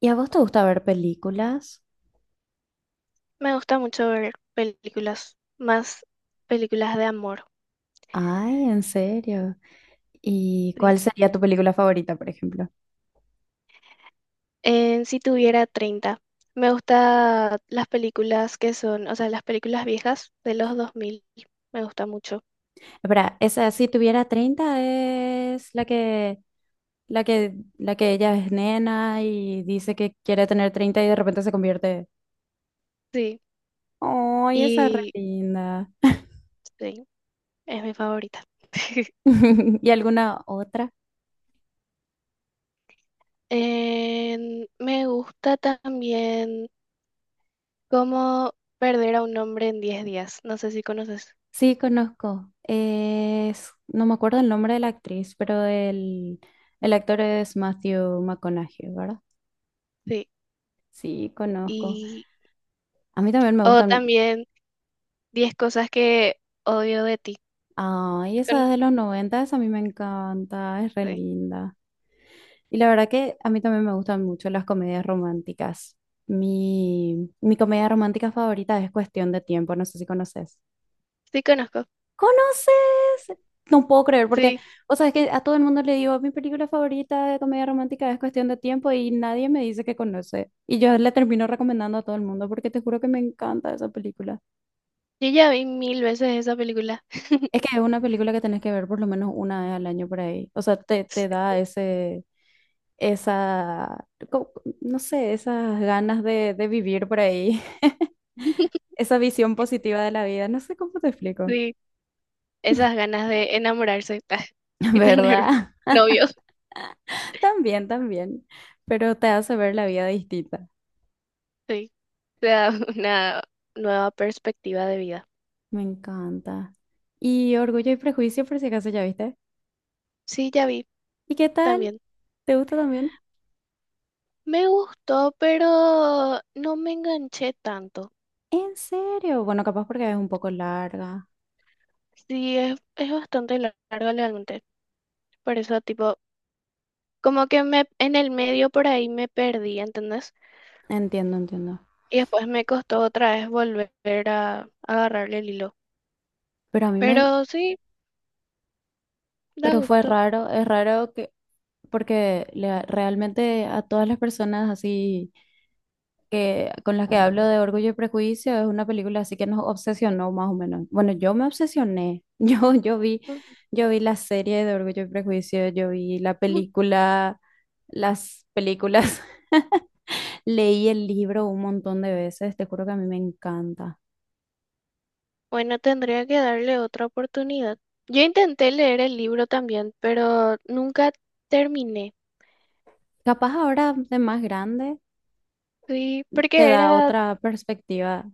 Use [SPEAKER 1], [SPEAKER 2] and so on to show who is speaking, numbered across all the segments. [SPEAKER 1] ¿Y a vos te gusta ver películas?
[SPEAKER 2] Me gusta mucho ver películas, más películas de amor.
[SPEAKER 1] Ay, en serio. ¿Y
[SPEAKER 2] ¿Sí?
[SPEAKER 1] cuál sería tu película favorita, por ejemplo?
[SPEAKER 2] En Si tuviera 30 me gusta las películas que son, o sea, las películas viejas de los 2000, me gusta mucho.
[SPEAKER 1] Espera, esa si tuviera 30 es la que ella es nena y dice que quiere tener 30 y de repente se convierte.
[SPEAKER 2] Sí,
[SPEAKER 1] Ay, esa es re
[SPEAKER 2] y
[SPEAKER 1] linda.
[SPEAKER 2] sí, es mi favorita.
[SPEAKER 1] ¿Y alguna otra?
[SPEAKER 2] Me gusta también cómo perder a un hombre en 10 días. No sé si conoces.
[SPEAKER 1] Sí, conozco. No me acuerdo el nombre de la actriz, pero el actor es Matthew McConaughey, ¿verdad?
[SPEAKER 2] Sí.
[SPEAKER 1] Sí, conozco.
[SPEAKER 2] Y,
[SPEAKER 1] A mí también me
[SPEAKER 2] o
[SPEAKER 1] gustan.
[SPEAKER 2] también 10 cosas que odio de ti.
[SPEAKER 1] Ay, esa
[SPEAKER 2] Con-
[SPEAKER 1] es de los 90, esa a mí me encanta, es re
[SPEAKER 2] sí,
[SPEAKER 1] linda. Y la verdad que a mí también me gustan mucho las comedias románticas. Mi comedia romántica favorita es Cuestión de Tiempo, no sé si conoces.
[SPEAKER 2] sí conozco.
[SPEAKER 1] ¿Conoces? No puedo creer, porque,
[SPEAKER 2] Sí,
[SPEAKER 1] o sea, es que a todo el mundo le digo, mi película favorita de comedia romántica es Cuestión de Tiempo y nadie me dice que conoce. Y yo le termino recomendando a todo el mundo porque te juro que me encanta esa película.
[SPEAKER 2] yo ya vi mil veces esa película.
[SPEAKER 1] Es que es una película que tenés que ver por lo menos una vez al año por ahí. O sea, te da esa, co- no sé, esas ganas de vivir por ahí, esa visión positiva de la vida, no sé cómo te explico,
[SPEAKER 2] Sí, esas ganas de enamorarse y tener
[SPEAKER 1] ¿verdad?
[SPEAKER 2] novios.
[SPEAKER 1] También, también, pero te hace ver la vida distinta.
[SPEAKER 2] Sí, te da una nueva perspectiva de vida.
[SPEAKER 1] Me encanta. Y Orgullo y Prejuicio, por si acaso ya viste.
[SPEAKER 2] Sí, ya vi
[SPEAKER 1] ¿Y qué tal?
[SPEAKER 2] también.
[SPEAKER 1] ¿Te gusta también?
[SPEAKER 2] Me gustó, pero no me enganché tanto.
[SPEAKER 1] ¿En serio? Bueno, capaz porque es un poco larga.
[SPEAKER 2] Sí, es bastante larga realmente. Por eso, tipo, como que me en el medio por ahí me perdí, ¿entendés?
[SPEAKER 1] Entiendo, entiendo.
[SPEAKER 2] Y después me costó otra vez volver a agarrarle el hilo.
[SPEAKER 1] Pero a mí me...
[SPEAKER 2] Pero sí, da
[SPEAKER 1] Pero fue
[SPEAKER 2] gusto.
[SPEAKER 1] raro, es raro que... porque realmente a todas las personas así que con las que hablo de Orgullo y Prejuicio es una película así que nos obsesionó más o menos. Bueno, yo me obsesioné. Yo vi la serie de Orgullo y Prejuicio, yo vi la película, las películas. Leí el libro un montón de veces, te juro que a mí me encanta.
[SPEAKER 2] Bueno, tendría que darle otra oportunidad. Yo intenté leer el libro también, pero nunca terminé.
[SPEAKER 1] Capaz ahora de más grande
[SPEAKER 2] Sí,
[SPEAKER 1] te
[SPEAKER 2] porque
[SPEAKER 1] da
[SPEAKER 2] era,
[SPEAKER 1] otra perspectiva.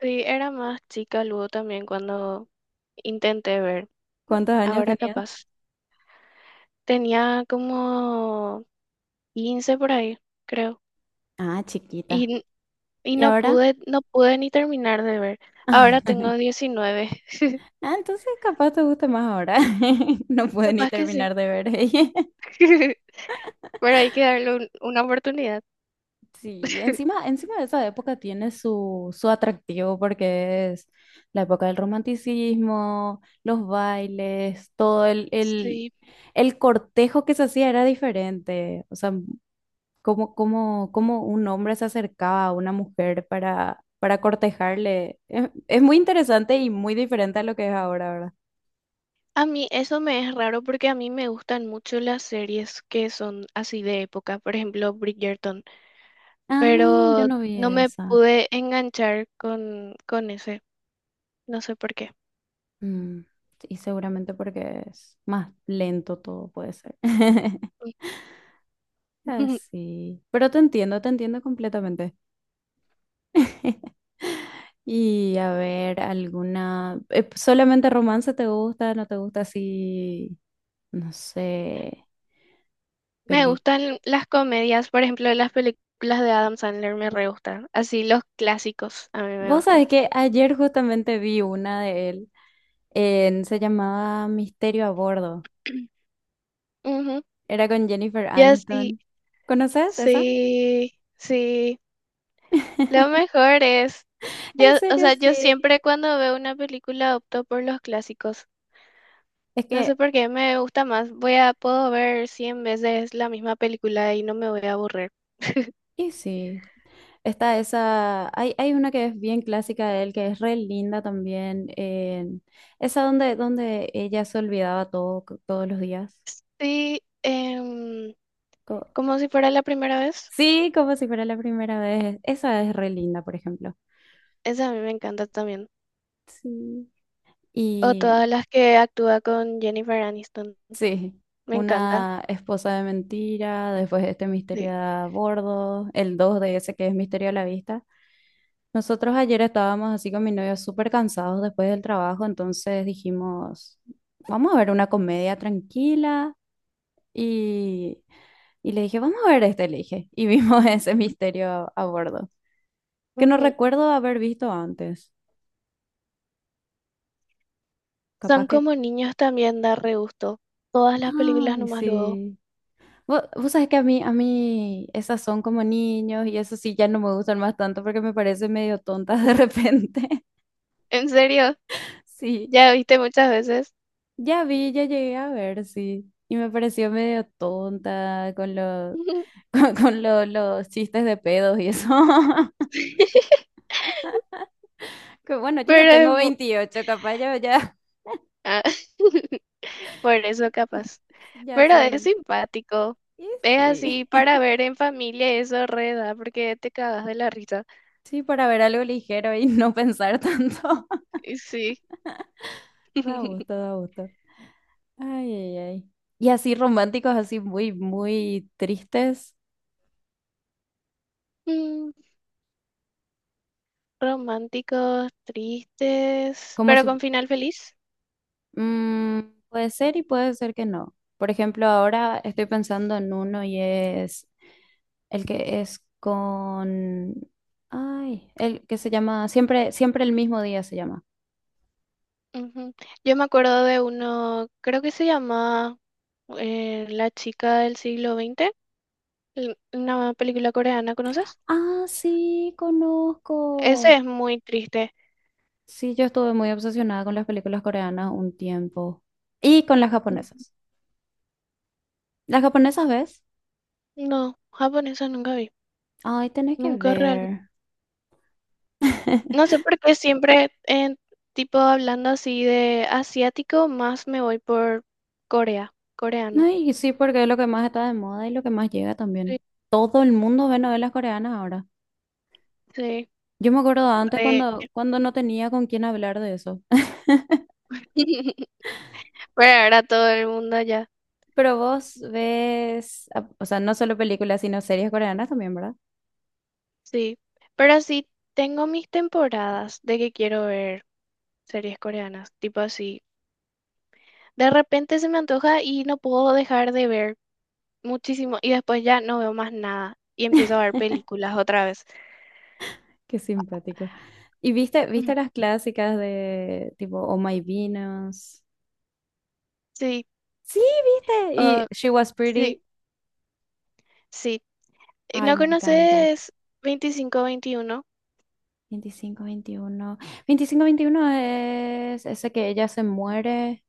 [SPEAKER 2] sí, era más chica luego también cuando intenté ver.
[SPEAKER 1] ¿Cuántos años
[SPEAKER 2] Ahora
[SPEAKER 1] tenías?
[SPEAKER 2] capaz. Tenía como 15 por ahí, creo.
[SPEAKER 1] Ah,
[SPEAKER 2] Y,
[SPEAKER 1] chiquita.
[SPEAKER 2] n- y
[SPEAKER 1] ¿Y
[SPEAKER 2] no
[SPEAKER 1] ahora?
[SPEAKER 2] pude, no pude ni terminar de ver. Ahora tengo 19.
[SPEAKER 1] Ah, entonces capaz te guste más ahora. No pude ni
[SPEAKER 2] Capaz que sí.
[SPEAKER 1] terminar de ver. Ella.
[SPEAKER 2] Pero hay que darle una oportunidad.
[SPEAKER 1] Sí, encima, encima de esa época tiene su atractivo porque es la época del romanticismo, los bailes, todo el, el,
[SPEAKER 2] Sí.
[SPEAKER 1] el cortejo que se hacía era diferente. O sea, cómo un hombre se acercaba a una mujer para, cortejarle. Es muy interesante y muy diferente a lo que es ahora, ¿verdad?
[SPEAKER 2] A mí eso me es raro porque a mí me gustan mucho las series que son así de época, por ejemplo Bridgerton,
[SPEAKER 1] Ah, yo
[SPEAKER 2] pero
[SPEAKER 1] no vi
[SPEAKER 2] no me
[SPEAKER 1] esa.
[SPEAKER 2] pude enganchar con ese, no sé por qué.
[SPEAKER 1] Mm, y seguramente porque es más lento todo puede ser. Así. Pero te entiendo completamente. Y a ver, alguna... ¿solamente romance te gusta? ¿No te gusta así? No sé,
[SPEAKER 2] Me
[SPEAKER 1] peli.
[SPEAKER 2] gustan las comedias, por ejemplo las películas de Adam Sandler me re gustan, así los clásicos a mí me
[SPEAKER 1] Vos
[SPEAKER 2] gustan.
[SPEAKER 1] sabés que ayer justamente vi una de él. Se llamaba Misterio a Bordo.
[SPEAKER 2] Ujú.
[SPEAKER 1] Era con Jennifer
[SPEAKER 2] Ya sí,
[SPEAKER 1] Aniston. ¿Conoces esa?
[SPEAKER 2] sí, sí. Lo mejor es, yo,
[SPEAKER 1] En
[SPEAKER 2] o
[SPEAKER 1] serio,
[SPEAKER 2] sea, yo
[SPEAKER 1] sí.
[SPEAKER 2] siempre cuando veo una película opto por los clásicos.
[SPEAKER 1] Es
[SPEAKER 2] No sé
[SPEAKER 1] que,
[SPEAKER 2] por qué me gusta más. Voy a, puedo ver 100 veces la misma película y no me voy a aburrir.
[SPEAKER 1] y sí. Está esa, hay una que es bien clásica de él, que es re linda también, esa donde, ella se olvidaba todo, todos los días.
[SPEAKER 2] Sí,
[SPEAKER 1] Co-
[SPEAKER 2] como si fuera la primera vez.
[SPEAKER 1] sí, como si fuera la primera vez. Esa es re linda, por ejemplo.
[SPEAKER 2] Esa a mí me encanta también.
[SPEAKER 1] Sí.
[SPEAKER 2] O
[SPEAKER 1] Y
[SPEAKER 2] todas las que actúa con Jennifer Aniston.
[SPEAKER 1] sí,
[SPEAKER 2] Me encanta.
[SPEAKER 1] una esposa de mentira, después este
[SPEAKER 2] Sí.
[SPEAKER 1] misterio a bordo, el 2 de ese que es misterio a la vista. Nosotros ayer estábamos así con mi novio súper cansados después del trabajo, entonces dijimos, vamos a ver una comedia tranquila y, y le dije, vamos a ver este, le dije, y vimos ese misterio a bordo, que no
[SPEAKER 2] Ujú.
[SPEAKER 1] recuerdo haber visto antes,
[SPEAKER 2] Son
[SPEAKER 1] capaz que...
[SPEAKER 2] como niños también, da re gusto. Todas las películas
[SPEAKER 1] Ay,
[SPEAKER 2] nomás luego.
[SPEAKER 1] sí. Vos sabés que a mí esas son como niños y eso sí ya no me gustan más tanto porque me parecen medio tontas de repente.
[SPEAKER 2] ¿En serio?
[SPEAKER 1] Sí,
[SPEAKER 2] Ya viste muchas veces.
[SPEAKER 1] ya llegué a ver, sí. Y me pareció medio tonta con los, los chistes de pedos y eso. Que bueno, yo ya
[SPEAKER 2] Pero es
[SPEAKER 1] tengo
[SPEAKER 2] mu-
[SPEAKER 1] 28 capaz yo ya,
[SPEAKER 2] ah, por eso capaz.
[SPEAKER 1] ya
[SPEAKER 2] Pero es
[SPEAKER 1] soy...
[SPEAKER 2] simpático.
[SPEAKER 1] Y
[SPEAKER 2] Es
[SPEAKER 1] sí.
[SPEAKER 2] así para ver en familia eso reda, porque te cagas de la risa.
[SPEAKER 1] Sí, para ver algo ligero y no pensar tanto.
[SPEAKER 2] Y sí.
[SPEAKER 1] Da gusto, da gusto. Ay, ay, ay. Y así románticos, así muy, muy tristes,
[SPEAKER 2] Mm, románticos, tristes,
[SPEAKER 1] como
[SPEAKER 2] pero con
[SPEAKER 1] si...
[SPEAKER 2] final feliz.
[SPEAKER 1] mm, puede ser y puede ser que no. Por ejemplo, ahora estoy pensando en uno y es el que es con... Ay, el que se llama... Siempre el mismo día se llama.
[SPEAKER 2] Ujú. Yo me acuerdo de uno, creo que se llama La chica del siglo XX, una película coreana, ¿conoces?
[SPEAKER 1] Ah, sí,
[SPEAKER 2] Ese
[SPEAKER 1] conozco.
[SPEAKER 2] es muy triste.
[SPEAKER 1] Sí, yo estuve muy obsesionada con las películas coreanas un tiempo. Y con las
[SPEAKER 2] N-
[SPEAKER 1] japonesas. ¿Las japonesas ves?
[SPEAKER 2] No, japonesa nunca vi,
[SPEAKER 1] Ay, tenés que
[SPEAKER 2] nunca.
[SPEAKER 1] ver.
[SPEAKER 2] No sé por qué siempre, en, tipo, hablando así de asiático, más me voy por Corea, coreano.
[SPEAKER 1] No, y sí, porque es lo que más está de moda y lo que más llega
[SPEAKER 2] Sí,
[SPEAKER 1] también. Todo el mundo ve novelas coreanas ahora.
[SPEAKER 2] sí,
[SPEAKER 1] Yo me acuerdo antes
[SPEAKER 2] re-
[SPEAKER 1] cuando no tenía con quién hablar de eso.
[SPEAKER 2] Pero ahora todo el mundo ya,
[SPEAKER 1] Pero vos ves, o sea, no solo películas, sino series coreanas también, ¿verdad?
[SPEAKER 2] sí. Pero sí tengo mis temporadas de que quiero ver series coreanas, tipo así. De repente se me antoja y no puedo dejar de ver muchísimo y después ya no veo más nada y empiezo a ver películas otra vez.
[SPEAKER 1] Qué simpático. ¿Y viste las clásicas de tipo Oh My Venus?
[SPEAKER 2] Sí,
[SPEAKER 1] Sí, viste.
[SPEAKER 2] ah,
[SPEAKER 1] Y She Was Pretty.
[SPEAKER 2] sí, sí.
[SPEAKER 1] Ay,
[SPEAKER 2] ¿No
[SPEAKER 1] me encanta.
[SPEAKER 2] conoces 25 21?
[SPEAKER 1] 25 21 25 21 es ese que ella se muere,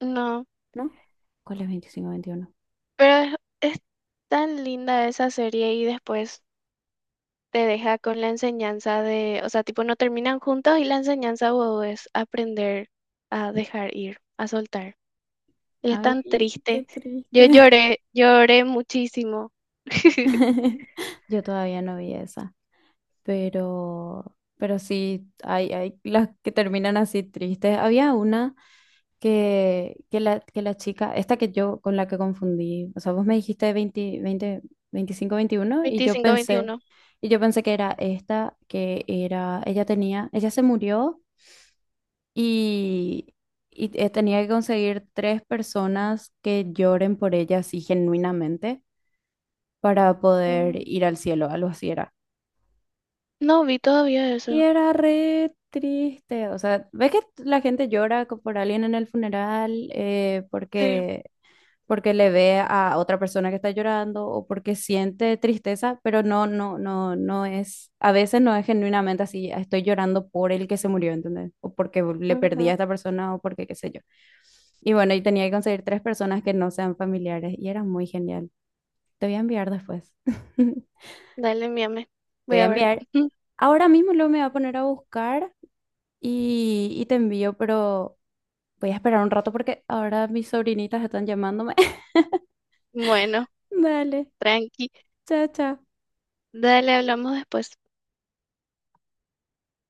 [SPEAKER 2] No,
[SPEAKER 1] ¿no? ¿Cuál es veinticinco veintiuno?
[SPEAKER 2] pero es tan linda esa serie y después te deja con la enseñanza de, o sea, tipo no terminan juntos y la enseñanza wow, es aprender a dejar ir, a soltar. Y es
[SPEAKER 1] Ay,
[SPEAKER 2] tan
[SPEAKER 1] qué
[SPEAKER 2] triste. Yo
[SPEAKER 1] triste.
[SPEAKER 2] lloré, lloré muchísimo.
[SPEAKER 1] Yo todavía no vi esa, pero sí, hay las que terminan así tristes. Había una que la chica, esta que yo con la que confundí, o sea, vos me dijiste 20, 20, 25, 21 y yo
[SPEAKER 2] veinticinco
[SPEAKER 1] pensé,
[SPEAKER 2] veintiuno
[SPEAKER 1] que era esta, que era, ella tenía, ella se murió y, y tenía que conseguir tres personas que lloren por ella así genuinamente. Para poder
[SPEAKER 2] Mm,
[SPEAKER 1] ir al cielo, algo así era.
[SPEAKER 2] no vi todavía
[SPEAKER 1] Y
[SPEAKER 2] eso.
[SPEAKER 1] era re triste, o sea, ves que la gente llora por alguien en el funeral eh,
[SPEAKER 2] Sí.
[SPEAKER 1] porque, porque le ve a otra persona que está llorando o porque siente tristeza, pero no, no, no, no es, a veces no es genuinamente así, "Ah, estoy llorando por el que se murió", ¿entendés? O porque le perdí
[SPEAKER 2] Ujú.
[SPEAKER 1] a esta persona o porque qué sé yo. Y bueno, y tenía que conseguir tres personas que no sean familiares y era muy genial. Te voy a enviar después.
[SPEAKER 2] Dale, envíame.
[SPEAKER 1] Te
[SPEAKER 2] Voy
[SPEAKER 1] voy a
[SPEAKER 2] a ver.
[SPEAKER 1] enviar. Ahora mismo luego me voy a poner a buscar y te envío, pero voy a esperar un rato porque ahora mis sobrinitas están llamándome.
[SPEAKER 2] Bueno,
[SPEAKER 1] Dale,
[SPEAKER 2] tranqui.
[SPEAKER 1] chao, chao.
[SPEAKER 2] Dale, hablamos después.